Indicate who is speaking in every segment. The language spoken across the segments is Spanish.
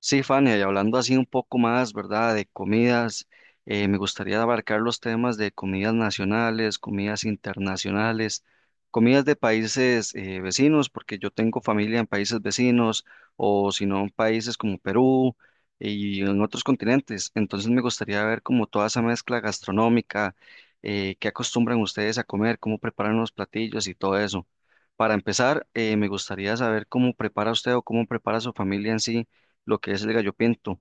Speaker 1: Sí, Fania, y hablando así un poco más, ¿verdad? De comidas, me gustaría abarcar los temas de comidas nacionales, comidas internacionales, comidas de países vecinos, porque yo tengo familia en países vecinos o si no en países como Perú y en otros continentes. Entonces me gustaría ver como toda esa mezcla gastronómica, qué acostumbran ustedes a comer, cómo preparan los platillos y todo eso. Para empezar, me gustaría saber cómo prepara usted o cómo prepara su familia en sí lo que es el gallo pinto.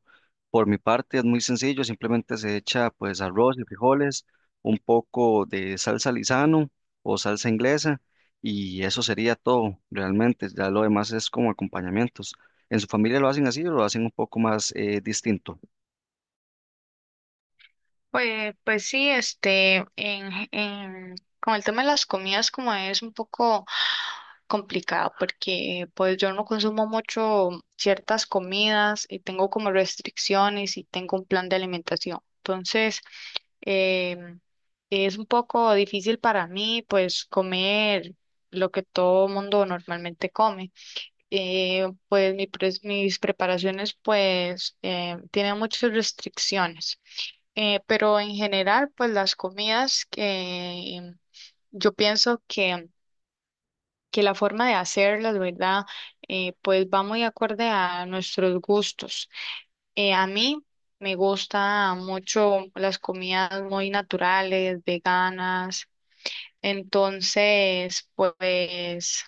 Speaker 1: Por mi parte es muy sencillo, simplemente se echa pues arroz y frijoles, un poco de salsa Lizano o salsa inglesa y eso sería todo realmente, ya lo demás es como acompañamientos. ¿En su familia lo hacen así o lo hacen un poco más distinto?
Speaker 2: Pues sí, con el tema de las comidas como es un poco complicado porque pues yo no consumo mucho ciertas comidas y tengo como restricciones y tengo un plan de alimentación. Entonces, em, es un poco difícil para mí pues comer lo que todo mundo normalmente come. Pues mis preparaciones pues tienen muchas restricciones. Pero en general, pues las comidas que yo pienso que la forma de hacerlas, ¿verdad? Pues va muy acorde a nuestros gustos. A mí me gusta mucho las comidas muy naturales, veganas. Entonces, pues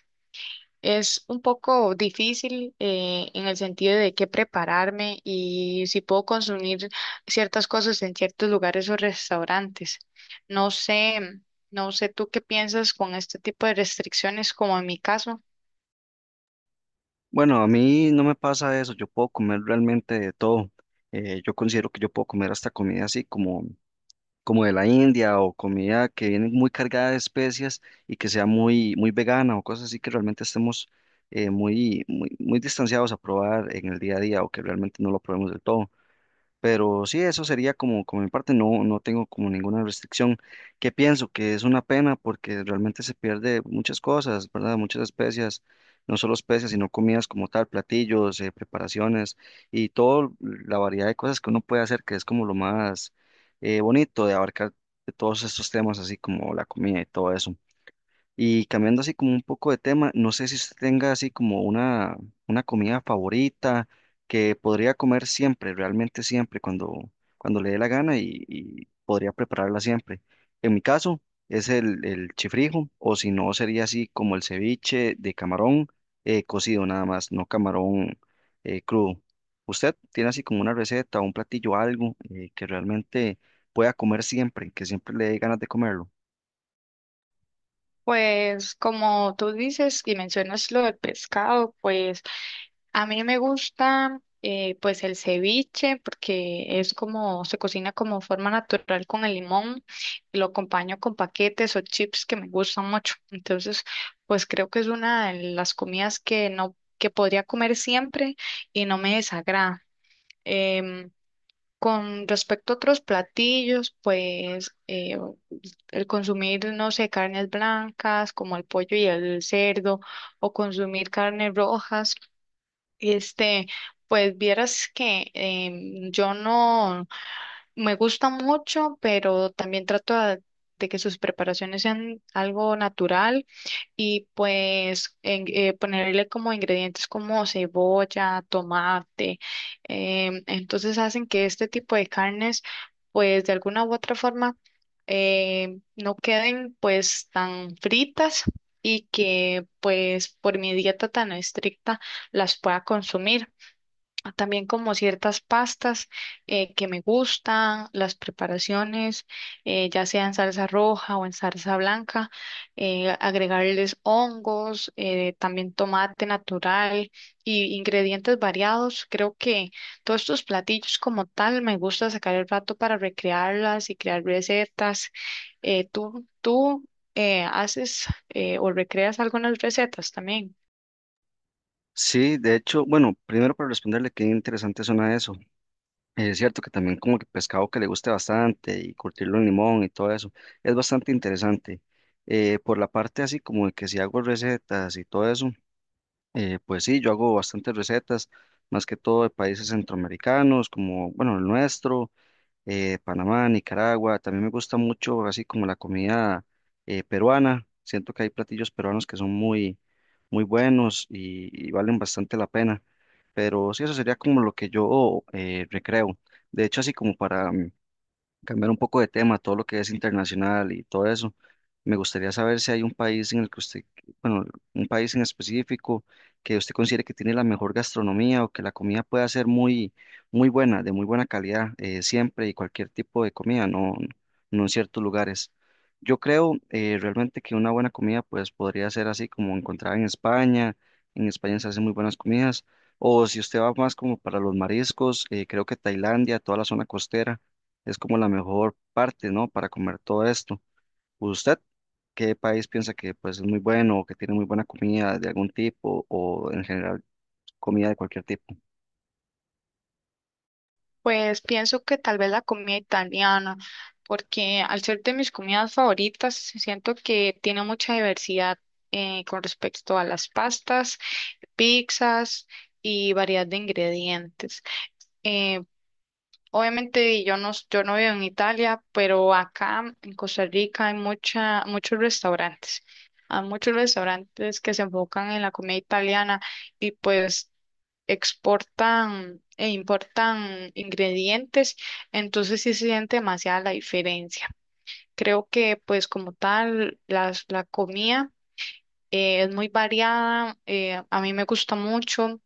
Speaker 2: es un poco difícil en el sentido de qué prepararme y si puedo consumir ciertas cosas en ciertos lugares o restaurantes. No sé, no sé tú qué piensas con este tipo de restricciones, como en mi caso.
Speaker 1: Bueno, a mí no me pasa eso, yo puedo comer realmente de todo. Yo considero que yo puedo comer hasta comida así como como de la India o comida que viene muy cargada de especias y que sea muy, muy vegana o cosas así que realmente estemos muy, muy, muy distanciados a probar en el día a día o que realmente no lo probemos del todo. Pero sí, eso sería como, como mi parte, no, no tengo como ninguna restricción que pienso que es una pena porque realmente se pierde muchas cosas, ¿verdad? Muchas especies, no solo especies, sino comidas como tal, platillos, preparaciones y toda la variedad de cosas que uno puede hacer, que es como lo más bonito de abarcar de todos estos temas, así como la comida y todo eso. Y cambiando así como un poco de tema, no sé si usted tenga así como una comida favorita que podría comer siempre, realmente siempre, cuando, cuando le dé la gana y podría prepararla siempre. En mi caso es el chifrijo, o si no sería así como el ceviche de camarón cocido nada más, no camarón crudo. ¿Usted tiene así como una receta, un platillo, algo que realmente pueda comer siempre, que siempre le dé ganas de comerlo?
Speaker 2: Pues como tú dices y mencionas lo del pescado, pues a mí me gusta pues el ceviche porque es como se cocina como forma natural con el limón y lo acompaño con paquetes o chips que me gustan mucho. Entonces, pues creo que es una de las comidas que no que podría comer siempre y no me desagrada. Em, con respecto a otros platillos, pues el consumir, no sé, carnes blancas como el pollo y el cerdo o consumir carnes rojas, este, pues vieras que yo no me gusta mucho, pero también trato de que sus preparaciones sean algo natural y pues ponerle como ingredientes como cebolla, tomate. Entonces hacen que este tipo de carnes pues de alguna u otra forma no queden pues tan fritas y que pues por mi dieta tan estricta las pueda consumir. También como ciertas pastas que me gustan, las preparaciones, ya sea en salsa roja o en salsa blanca, agregarles hongos, también tomate natural y ingredientes variados. Creo que todos estos platillos como tal me gusta sacar el rato para recrearlas y crear recetas. ¿Tú haces o recreas algunas recetas también?
Speaker 1: Sí, de hecho, bueno, primero para responderle qué interesante suena eso. Es cierto que también como que pescado que le guste bastante y curtirlo en limón y todo eso, es bastante interesante. Por la parte así como de que si hago recetas y todo eso, pues sí, yo hago bastantes recetas, más que todo de países centroamericanos, como, bueno, el nuestro Panamá, Nicaragua. También me gusta mucho así como la comida peruana. Siento que hay platillos peruanos que son muy, muy buenos y valen bastante la pena. Pero sí, eso sería como lo que yo recreo. De hecho, así como para cambiar un poco de tema, todo lo que es internacional y todo eso, me gustaría saber si hay un país en el que usted un país en específico que usted considere que tiene la mejor gastronomía o que la comida pueda ser muy, muy buena, de muy buena calidad, siempre y cualquier tipo de comida, no, no en ciertos lugares. Yo creo realmente que una buena comida pues podría ser así como encontrada en España se hacen muy buenas comidas, o si usted va más como para los mariscos, creo que Tailandia, toda la zona costera, es como la mejor parte, ¿no? Para comer todo esto. ¿Usted qué país piensa que pues es muy bueno o que tiene muy buena comida de algún tipo o en general comida de cualquier tipo?
Speaker 2: Pues pienso que tal vez la comida italiana, porque al ser de mis comidas favoritas, siento que tiene mucha diversidad con respecto a las pastas, pizzas y variedad de ingredientes. Eh, Obviamente yo no vivo en Italia, pero acá en Costa Rica hay mucha, muchos restaurantes. Hay muchos restaurantes que se enfocan en la comida italiana y pues exportan e importan ingredientes, entonces sí se siente demasiada la diferencia. Creo que pues como tal la comida es muy variada, a mí me gusta mucho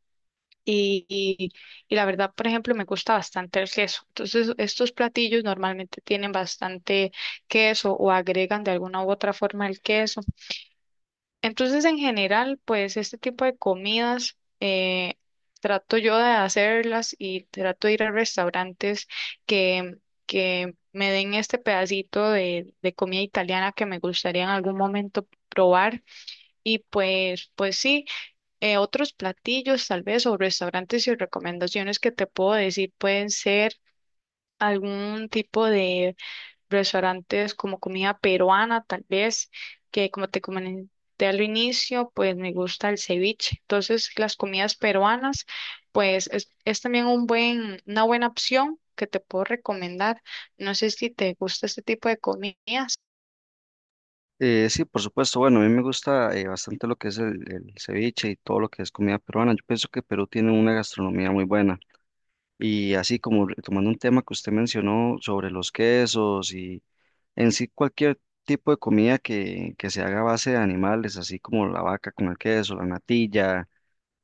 Speaker 2: y, y, y la verdad, por ejemplo, me gusta bastante el queso. Entonces estos platillos normalmente tienen bastante queso o agregan de alguna u otra forma el queso. Entonces, en general, pues este tipo de comidas trato yo de hacerlas y trato de ir a restaurantes que, que me den este pedacito de comida italiana que me gustaría en algún momento probar. Y pues sí, otros platillos tal vez o restaurantes y recomendaciones que te puedo decir pueden ser algún tipo de restaurantes como comida peruana, tal vez, que como te comenté al inicio, pues me gusta el ceviche. Entonces, las comidas peruanas, pues es también una buena opción que te puedo recomendar. No sé si te gusta este tipo de comidas.
Speaker 1: Sí, por supuesto, bueno, a mí me gusta bastante lo que es el ceviche y todo lo que es comida peruana. Yo pienso que Perú tiene una gastronomía muy buena. Y así como retomando un tema que usted mencionó sobre los quesos y en sí cualquier tipo de comida que se haga a base de animales, así como la vaca con el queso, la natilla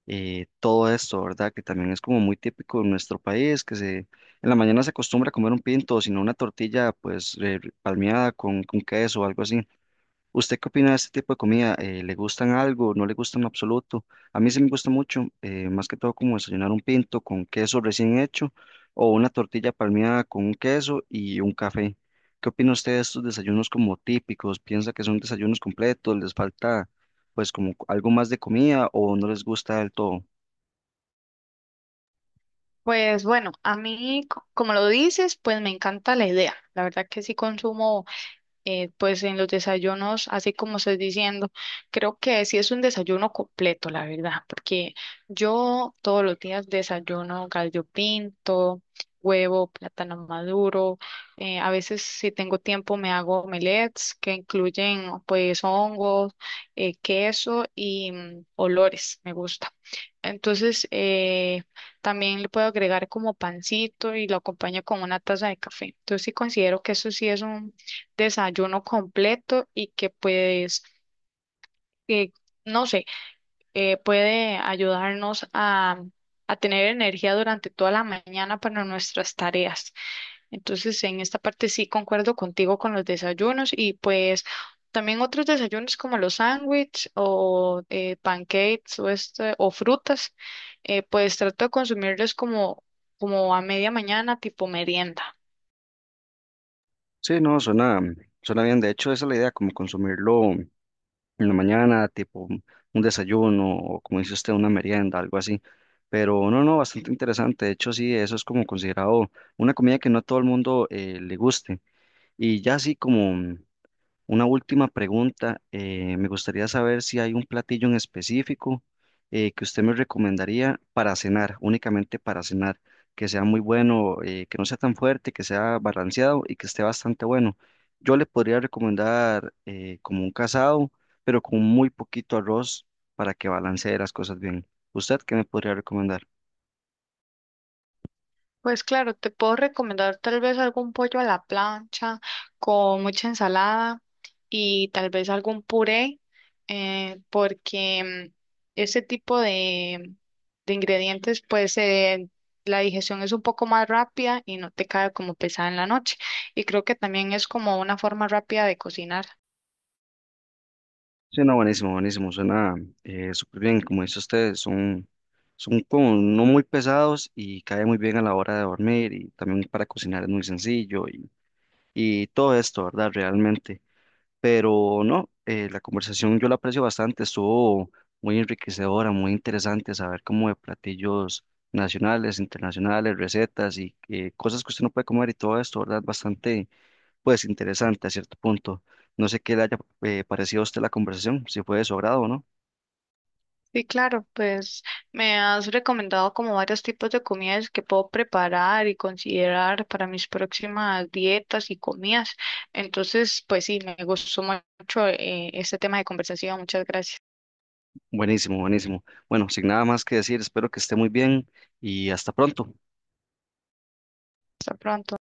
Speaker 1: todo esto, ¿verdad? Que también es como muy típico en nuestro país, que se, en la mañana se acostumbra a comer un pinto, sino una tortilla pues palmeada con queso o algo así. ¿Usted qué opina de este tipo de comida? ¿Le gustan algo? ¿No le gustan en absoluto? A mí sí me gusta mucho, más que todo como desayunar un pinto con queso recién hecho o una tortilla palmeada con un queso y un café. ¿Qué opina usted de estos desayunos como típicos? ¿Piensa que son desayunos completos? ¿Les falta pues como algo más de comida o no les gusta del todo?
Speaker 2: Pues bueno, a mí, como lo dices, pues me encanta la idea. La verdad que sí consumo pues en los desayunos, así como estás diciendo, creo que sí es un desayuno completo, la verdad, porque yo todos los días desayuno gallo pinto, huevo, plátano maduro, a veces si tengo tiempo me hago omelets que incluyen pues hongos, queso y mm, olores, me gusta. Entonces, también le puedo agregar como pancito y lo acompaño con una taza de café. Entonces, sí considero que eso sí es un desayuno completo y que pues, eh, no sé, puede ayudarnos a tener energía durante toda la mañana para nuestras tareas. Entonces, en esta parte sí concuerdo contigo con los desayunos y pues también otros desayunos como los sándwiches o pancakes o o frutas, pues trato de consumirlos como a media mañana, tipo merienda.
Speaker 1: Sí, no, suena, suena bien. De hecho, esa es la idea, como consumirlo en la mañana, tipo un desayuno o como dice usted, una merienda, algo así. Pero no, no, bastante interesante. De hecho, sí, eso es como considerado una comida que no a todo el mundo le guste. Y ya así como, una última pregunta. Me gustaría saber si hay un platillo en específico que usted me recomendaría para cenar, únicamente para cenar, que sea muy bueno, que no sea tan fuerte, que sea balanceado y que esté bastante bueno. Yo le podría recomendar como un casado, pero con muy poquito arroz para que balancee las cosas bien. ¿Usted qué me podría recomendar?
Speaker 2: Pues claro, te puedo recomendar tal vez algún pollo a la plancha con mucha ensalada y tal vez algún puré, porque ese tipo de ingredientes, pues la digestión es un poco más rápida y no te cae como pesada en la noche. Y creo que también es como una forma rápida de cocinar.
Speaker 1: Sí, no, buenísimo, buenísimo, suena súper bien, como dice usted, son, son como no muy pesados y cae muy bien a la hora de dormir y también para cocinar es muy sencillo y todo esto, ¿verdad? Realmente, pero no, la conversación yo la aprecio bastante, estuvo muy enriquecedora, muy interesante saber como de platillos nacionales, internacionales, recetas y cosas que usted no puede comer y todo esto, ¿verdad? Bastante pues interesante a cierto punto. No sé qué le haya parecido a usted la conversación, si fue de su agrado o no.
Speaker 2: Sí, claro, pues me has recomendado como varios tipos de comidas que puedo preparar y considerar para mis próximas dietas y comidas. Entonces, pues sí, me gustó mucho este tema de conversación. Muchas gracias.
Speaker 1: Buenísimo, buenísimo. Bueno, sin nada más que decir, espero que esté muy bien y hasta pronto.
Speaker 2: Hasta pronto.